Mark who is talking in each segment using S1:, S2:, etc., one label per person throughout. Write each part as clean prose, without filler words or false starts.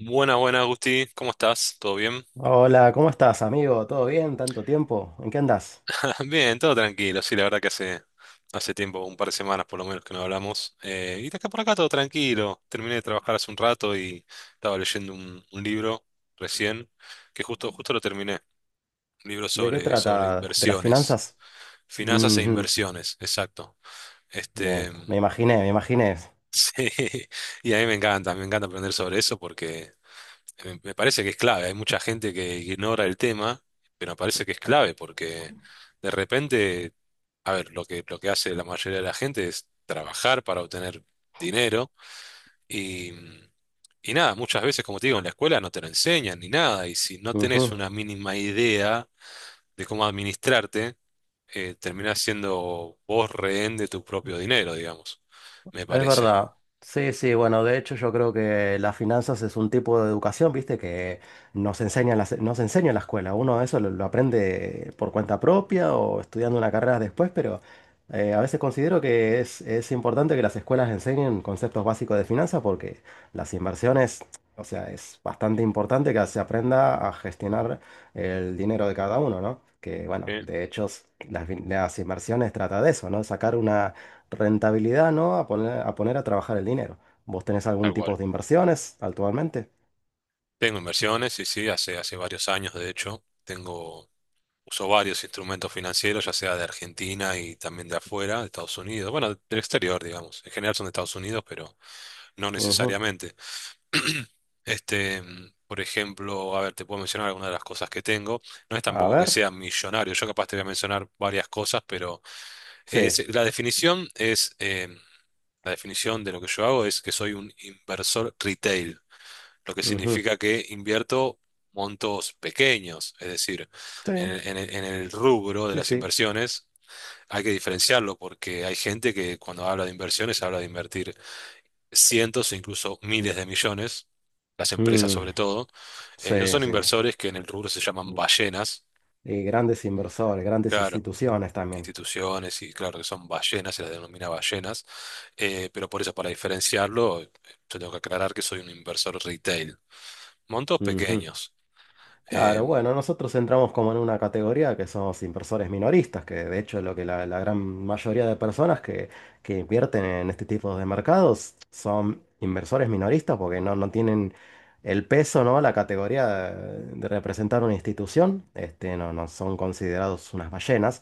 S1: Buena, buena, Agustín. ¿Cómo estás? ¿Todo bien?
S2: Hola, ¿cómo estás, amigo? ¿Todo bien? ¿Tanto tiempo? ¿En qué andás?
S1: Bien, todo tranquilo. Sí, la verdad que hace tiempo, un par de semanas por lo menos que no hablamos. Y de acá por acá todo tranquilo. Terminé de trabajar hace un rato y estaba leyendo un libro recién, que justo lo terminé. Un libro
S2: ¿De qué
S1: sobre
S2: trata? ¿De las
S1: inversiones.
S2: finanzas?
S1: Finanzas e
S2: Ujú.
S1: inversiones, exacto. Este,
S2: Bien, me imaginé, me imaginé.
S1: sí. Y a mí me encanta aprender sobre eso porque me parece que es clave. Hay mucha gente que ignora el tema, pero me parece que es clave porque de repente, a ver, lo que hace la mayoría de la gente es trabajar para obtener dinero y, y nada, muchas veces, como te digo, en la escuela no te lo enseñan ni nada y si no tenés
S2: Ujú.
S1: una mínima idea de cómo administrarte, terminás siendo vos rehén de tu propio dinero, digamos, me
S2: Es
S1: parece.
S2: verdad. Sí, sí, bueno, de hecho yo creo que las finanzas es un tipo de educación, viste, que nos enseña en la escuela. Uno eso lo aprende por cuenta propia o estudiando una carrera después, pero a veces considero que es importante que las escuelas enseñen conceptos básicos de finanzas porque las inversiones, o sea, es bastante importante que se aprenda a gestionar el dinero de cada uno, ¿no? Que
S1: Sí.
S2: bueno, de hecho las inversiones trata de eso, ¿no? Sacar una rentabilidad, ¿no? A poner a trabajar el dinero. ¿Vos tenés algún
S1: Tal
S2: tipo
S1: cual.
S2: de inversiones actualmente?
S1: Tengo inversiones, y sí, sí, hace varios años, de hecho, tengo... Usó varios instrumentos financieros, ya sea de Argentina y también de afuera, de Estados Unidos, bueno, del exterior, digamos. En general son de Estados Unidos, pero no
S2: Ujú.
S1: necesariamente. Este, por ejemplo, a ver, te puedo mencionar algunas de las cosas que tengo. No es
S2: A
S1: tampoco que
S2: ver,
S1: sea millonario, yo capaz te voy a mencionar varias cosas, pero
S2: sí.
S1: la definición es, la definición de lo que yo hago es que soy un inversor retail, lo que
S2: Ujú.
S1: significa que invierto montos pequeños, es decir,
S2: Sí,
S1: en el rubro de
S2: sí,
S1: las
S2: sí.
S1: inversiones hay que diferenciarlo porque hay gente que cuando habla de inversiones habla de invertir cientos e incluso miles de millones, las empresas
S2: Mm.
S1: sobre todo. Y esos
S2: Sí,
S1: son
S2: sí.
S1: inversores que en el rubro se llaman ballenas,
S2: Y grandes inversores, grandes
S1: claro.
S2: instituciones también.
S1: Instituciones y claro que son ballenas, se las denomina ballenas, pero por eso para diferenciarlo, yo tengo que aclarar que soy un inversor retail, montos
S2: Ujú.
S1: pequeños.
S2: Claro,
S1: Em,
S2: bueno, nosotros entramos como en una categoría que somos inversores minoristas, que de hecho lo que la gran mayoría de personas que invierten en este tipo de mercados son inversores minoristas porque no tienen el peso, ¿no? La categoría de representar una institución, no son considerados unas ballenas.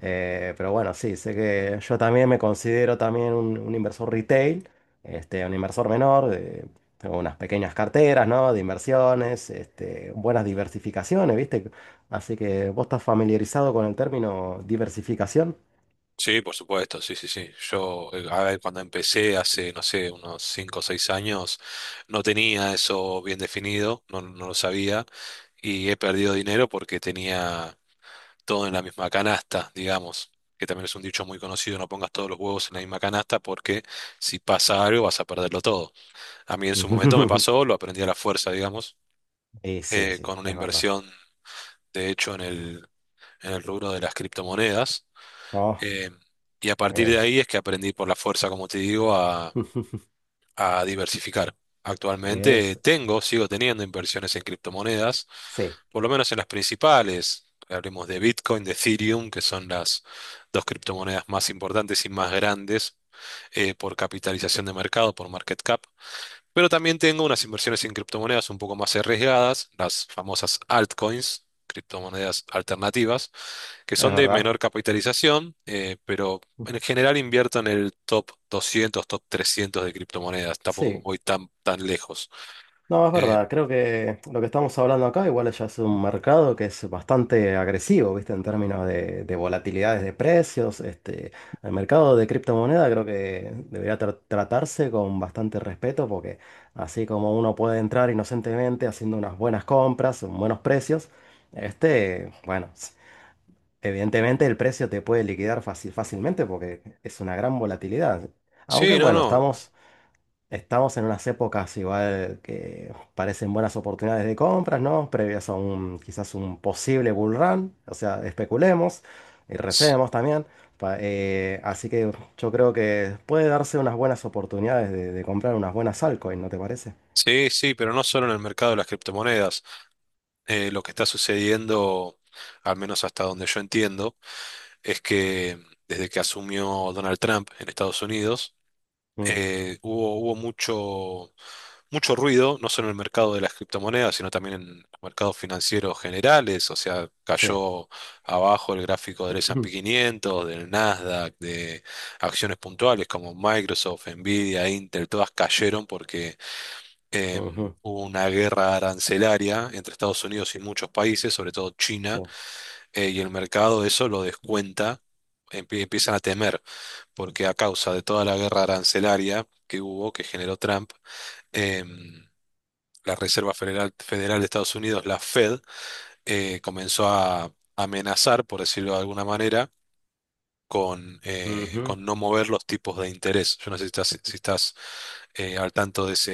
S2: Pero bueno, sí, sé que yo también me considero también un inversor retail, un inversor menor. Tengo unas pequeñas carteras, ¿no? De inversiones, buenas diversificaciones, ¿viste? Así que vos estás familiarizado con el término diversificación.
S1: Sí, por supuesto, sí, sí, sí. Yo, a ver, cuando empecé hace, no sé, unos 5 o 6 años, no tenía eso bien definido, no, no lo sabía, y he perdido dinero porque tenía todo en la misma canasta, digamos, que también es un dicho muy conocido, no pongas todos los huevos en la misma canasta porque si pasa algo vas a perderlo todo. A mí en su momento me pasó, lo aprendí a la fuerza, digamos,
S2: Y sí, sí,
S1: con una
S2: es verdad.
S1: inversión, de hecho, en el rubro de las criptomonedas
S2: No,
S1: eh, y a partir de
S2: es.
S1: ahí es que aprendí por la fuerza, como te digo, a diversificar. Actualmente
S2: Es.
S1: tengo, sigo teniendo inversiones en criptomonedas,
S2: Sí,
S1: por lo menos en las principales. Hablemos de Bitcoin, de Ethereum, que son las 2 criptomonedas más importantes y más grandes por capitalización de mercado, por market cap. Pero también tengo unas inversiones en criptomonedas un poco más arriesgadas, las famosas altcoins, criptomonedas alternativas, que
S2: es
S1: son de
S2: verdad.
S1: menor capitalización, pero en general invierto en el top 200, top 300 de criptomonedas. Tampoco
S2: Sí.
S1: voy tan lejos.
S2: No, es
S1: Eh,
S2: verdad, creo que lo que estamos hablando acá igual ya es un mercado que es bastante agresivo, ¿viste? En términos de volatilidades de precios, el mercado de criptomoneda creo que debería tratarse con bastante respeto porque así como uno puede entrar inocentemente haciendo unas buenas compras, buenos precios, bueno, evidentemente el precio te puede liquidar fácilmente porque es una gran volatilidad. Aunque
S1: sí, no,
S2: bueno,
S1: no.
S2: estamos en unas épocas igual que parecen buenas oportunidades de compras, ¿no? Previas a un quizás un posible bull run, o sea, especulemos y
S1: s-
S2: recemos también. Así que yo creo que puede darse unas buenas oportunidades de comprar unas buenas altcoins, ¿no te parece?
S1: Sí, sí, pero no solo en el mercado de las criptomonedas. Lo que está sucediendo, al menos hasta donde yo entiendo, es que desde que asumió Donald Trump en Estados Unidos,
S2: Mm,
S1: hubo mucho ruido, no solo en el mercado de las criptomonedas, sino también en los mercados financieros generales. O sea,
S2: sí.
S1: cayó abajo el gráfico del S&P 500, del Nasdaq, de acciones puntuales como Microsoft, Nvidia, Intel, todas cayeron porque eh,
S2: Ujú,
S1: hubo una guerra arancelaria entre Estados Unidos y muchos países, sobre todo China,
S2: sí.
S1: y el mercado eso lo descuenta, empiezan a temer porque a causa de toda la guerra arancelaria que hubo, que generó Trump, em, la Reserva Federal, Federal de Estados Unidos, la Fed, comenzó a amenazar, por decirlo de alguna manera,
S2: Ujú.
S1: con no mover los tipos de interés. Yo no sé si estás al tanto de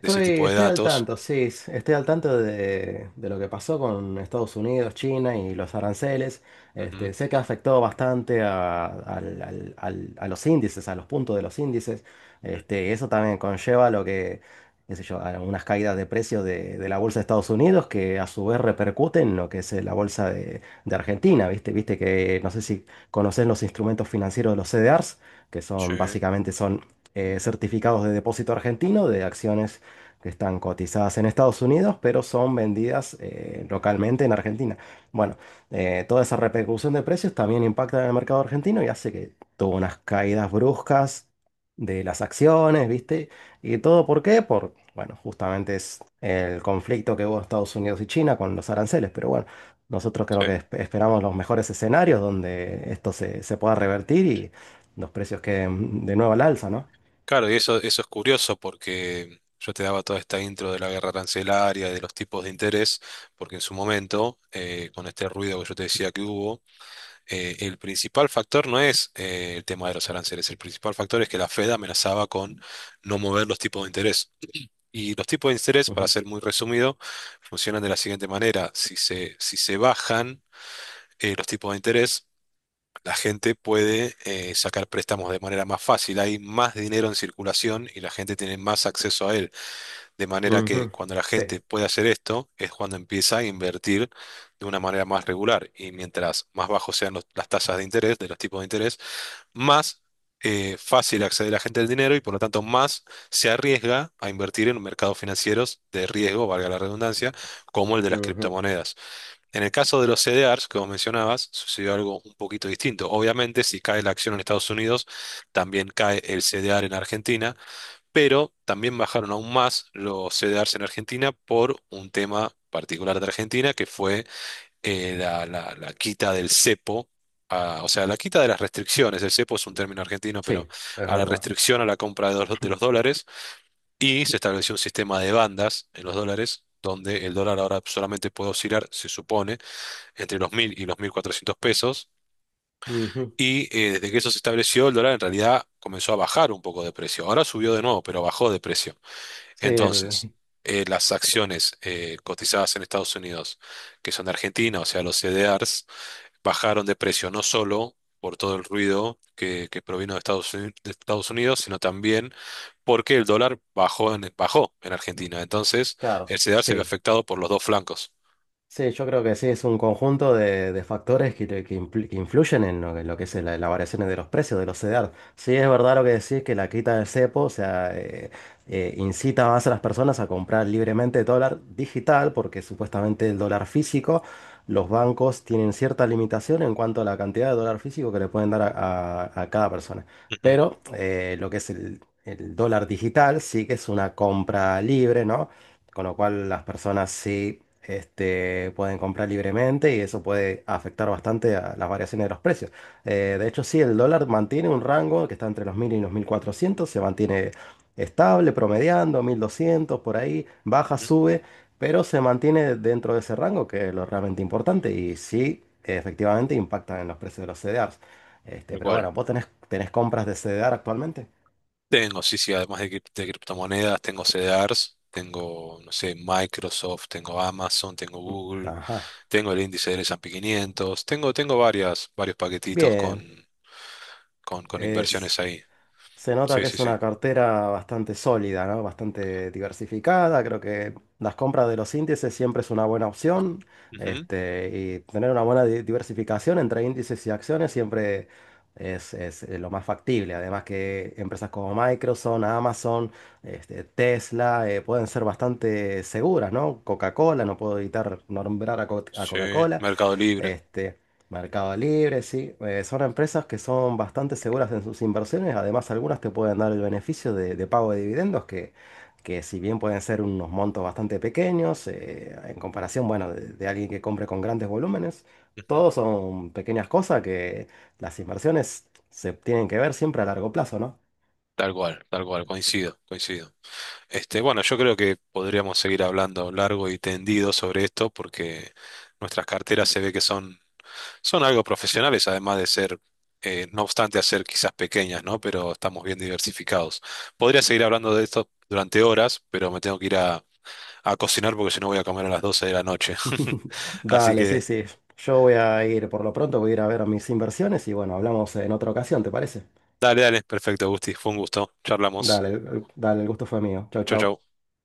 S1: de ese tipo de
S2: estoy al
S1: datos.
S2: tanto, sí, estoy al tanto de lo que pasó con Estados Unidos, China y los aranceles.
S1: Ujú.
S2: Sé que afectó bastante a, al- al- al- a los índices, a los puntos de los índices. Eso también conlleva lo que, qué sé yo, a unas caídas de precios de la bolsa de Estados Unidos que a su vez repercuten en lo que es la bolsa de Argentina, ¿viste? Viste que no sé si conocen los instrumentos financieros de los CDRs, que
S1: Sí,
S2: son básicamente son certificados de depósito argentino de acciones que están cotizadas en Estados Unidos, pero son vendidas localmente en Argentina. Bueno, toda esa repercusión de precios también impacta en el mercado argentino y hace que tuvo unas caídas bruscas de las acciones, ¿viste? ¿Y todo por qué? Por, bueno, justamente es el conflicto que hubo en Estados Unidos y China con los aranceles, pero bueno. Nosotros creo
S1: sí.
S2: que esperamos los mejores escenarios donde esto se pueda revertir y los precios queden de nuevo al alza, ¿no?
S1: Claro, y eso es curioso porque yo te daba toda esta intro de la guerra arancelaria, de los tipos de interés, porque en su momento, con este ruido que yo te decía que hubo, el principal factor no es el tema de los aranceles, el principal factor es que la Fed amenazaba con no mover los tipos de interés. Y los tipos de interés, para
S2: Ujú,
S1: ser muy resumido, funcionan de la siguiente manera. Si se bajan los tipos de interés, la gente puede sacar préstamos de manera más fácil. Hay más dinero en circulación y la gente tiene más acceso a él. De manera que
S2: ujú.
S1: cuando la
S2: Sí,
S1: gente puede hacer esto, es cuando empieza a invertir de una manera más regular. Y mientras más bajos sean las tasas de interés, de los tipos de interés, más fácil accede la gente al dinero y por lo tanto más se arriesga a invertir en mercados financieros de riesgo, valga la redundancia, como el de las
S2: ujú,
S1: criptomonedas. En el caso de los CDRs que vos mencionabas, sucedió algo un poquito distinto. Obviamente, si cae la acción en Estados Unidos, también cae el CDR en Argentina, pero también bajaron aún más los CDRs en Argentina por un tema particular de Argentina, que fue la quita del cepo, o sea, la quita de las restricciones. El cepo es un término argentino,
S2: sí,
S1: pero
S2: es
S1: a la
S2: verdad.
S1: restricción a la compra de los dólares, y se estableció un sistema de bandas en los dólares, donde el dólar ahora solamente puede oscilar, se supone, entre los 1000 y los 1400 pesos.
S2: Ujú.
S1: Y desde que eso se estableció, el dólar en realidad comenzó a bajar un poco de precio. Ahora subió de nuevo, pero bajó de precio.
S2: Sí,
S1: Entonces,
S2: el...
S1: las acciones cotizadas en Estados Unidos, que son de Argentina, o sea, los CDRs, bajaron de precio no solo por todo el ruido que provino de Estados Unidos, sino también porque el dólar bajó en Argentina. Entonces,
S2: Claro,
S1: el CDR se vio
S2: sí.
S1: afectado por los dos flancos.
S2: Sí, yo creo que sí, es un conjunto de factores que influyen en lo que es la variación de los precios de los CEDAR. Sí, es verdad lo que decís, que la quita del cepo, o sea, incita más a las personas a comprar libremente dólar digital, porque supuestamente el dólar físico, los bancos tienen cierta limitación en cuanto a la cantidad de dólar físico que le pueden dar a cada persona.
S1: Ujú,
S2: Pero lo que es el dólar digital sí que es una compra libre, ¿no? Con lo cual las personas sí pueden comprar libremente y eso puede afectar bastante a las variaciones de los precios. De hecho, sí, el dólar mantiene un rango que está entre los 1.000 y los 1.400, se mantiene estable, promediando 1.200 por ahí, baja,
S1: ujú.
S2: sube, pero se mantiene dentro de ese rango, que es lo realmente importante y sí, efectivamente impacta en los precios de los CDRs.
S1: Tal
S2: Pero
S1: cual.
S2: bueno, ¿vos tenés compras de CDR actualmente?
S1: Tengo, sí, sí, además de criptomonedas, tengo CDRs, tengo, no sé, Microsoft, tengo Amazon, tengo Google,
S2: Ajá.
S1: tengo el índice del S&P 500, tengo, tengo varios paquetitos
S2: Bien,
S1: con
S2: es...
S1: inversiones ahí.
S2: Se nota
S1: Sí,
S2: que
S1: sí,
S2: es
S1: sí.
S2: una cartera bastante sólida, ¿no? Bastante diversificada. Creo que las compras de los índices siempre es una buena opción.
S1: Ujú.
S2: Y tener una buena diversificación entre índices y acciones siempre es lo más factible. Además que empresas como Microsoft, Amazon, Tesla, pueden ser bastante seguras, ¿no? Coca-Cola, no puedo evitar nombrar a
S1: Sí,
S2: Coca-Cola.
S1: Mercado Libre.
S2: Este, Mercado Libre, sí. Son empresas que son bastante seguras en sus inversiones. Además, algunas te pueden dar el beneficio de pago de dividendos, que si bien pueden ser unos montos bastante pequeños, en comparación, bueno, de alguien que compre con grandes volúmenes,
S1: Ujú.
S2: todos son pequeñas cosas que las inversiones se tienen que ver siempre a largo plazo, ¿no?
S1: Tal cual, coincido, coincido. Este, bueno, yo creo que podríamos seguir hablando largo y tendido sobre esto porque nuestras carteras se ve que son, son algo profesionales, además de ser, no obstante, hacer quizás pequeñas, ¿no? Pero estamos bien diversificados. Podría seguir hablando de esto durante horas, pero me tengo que ir a cocinar porque si no voy a comer a las 12 de la noche. Así
S2: Dale, sí,
S1: que,
S2: sí. Yo voy a ir, por lo pronto voy a ir a ver mis inversiones y bueno, hablamos en otra ocasión, ¿te parece?
S1: dale, dale, perfecto, Gusti, fue un gusto. Charlamos.
S2: Dale, el gusto fue mío. Chau,
S1: Chau,
S2: chau.
S1: chau.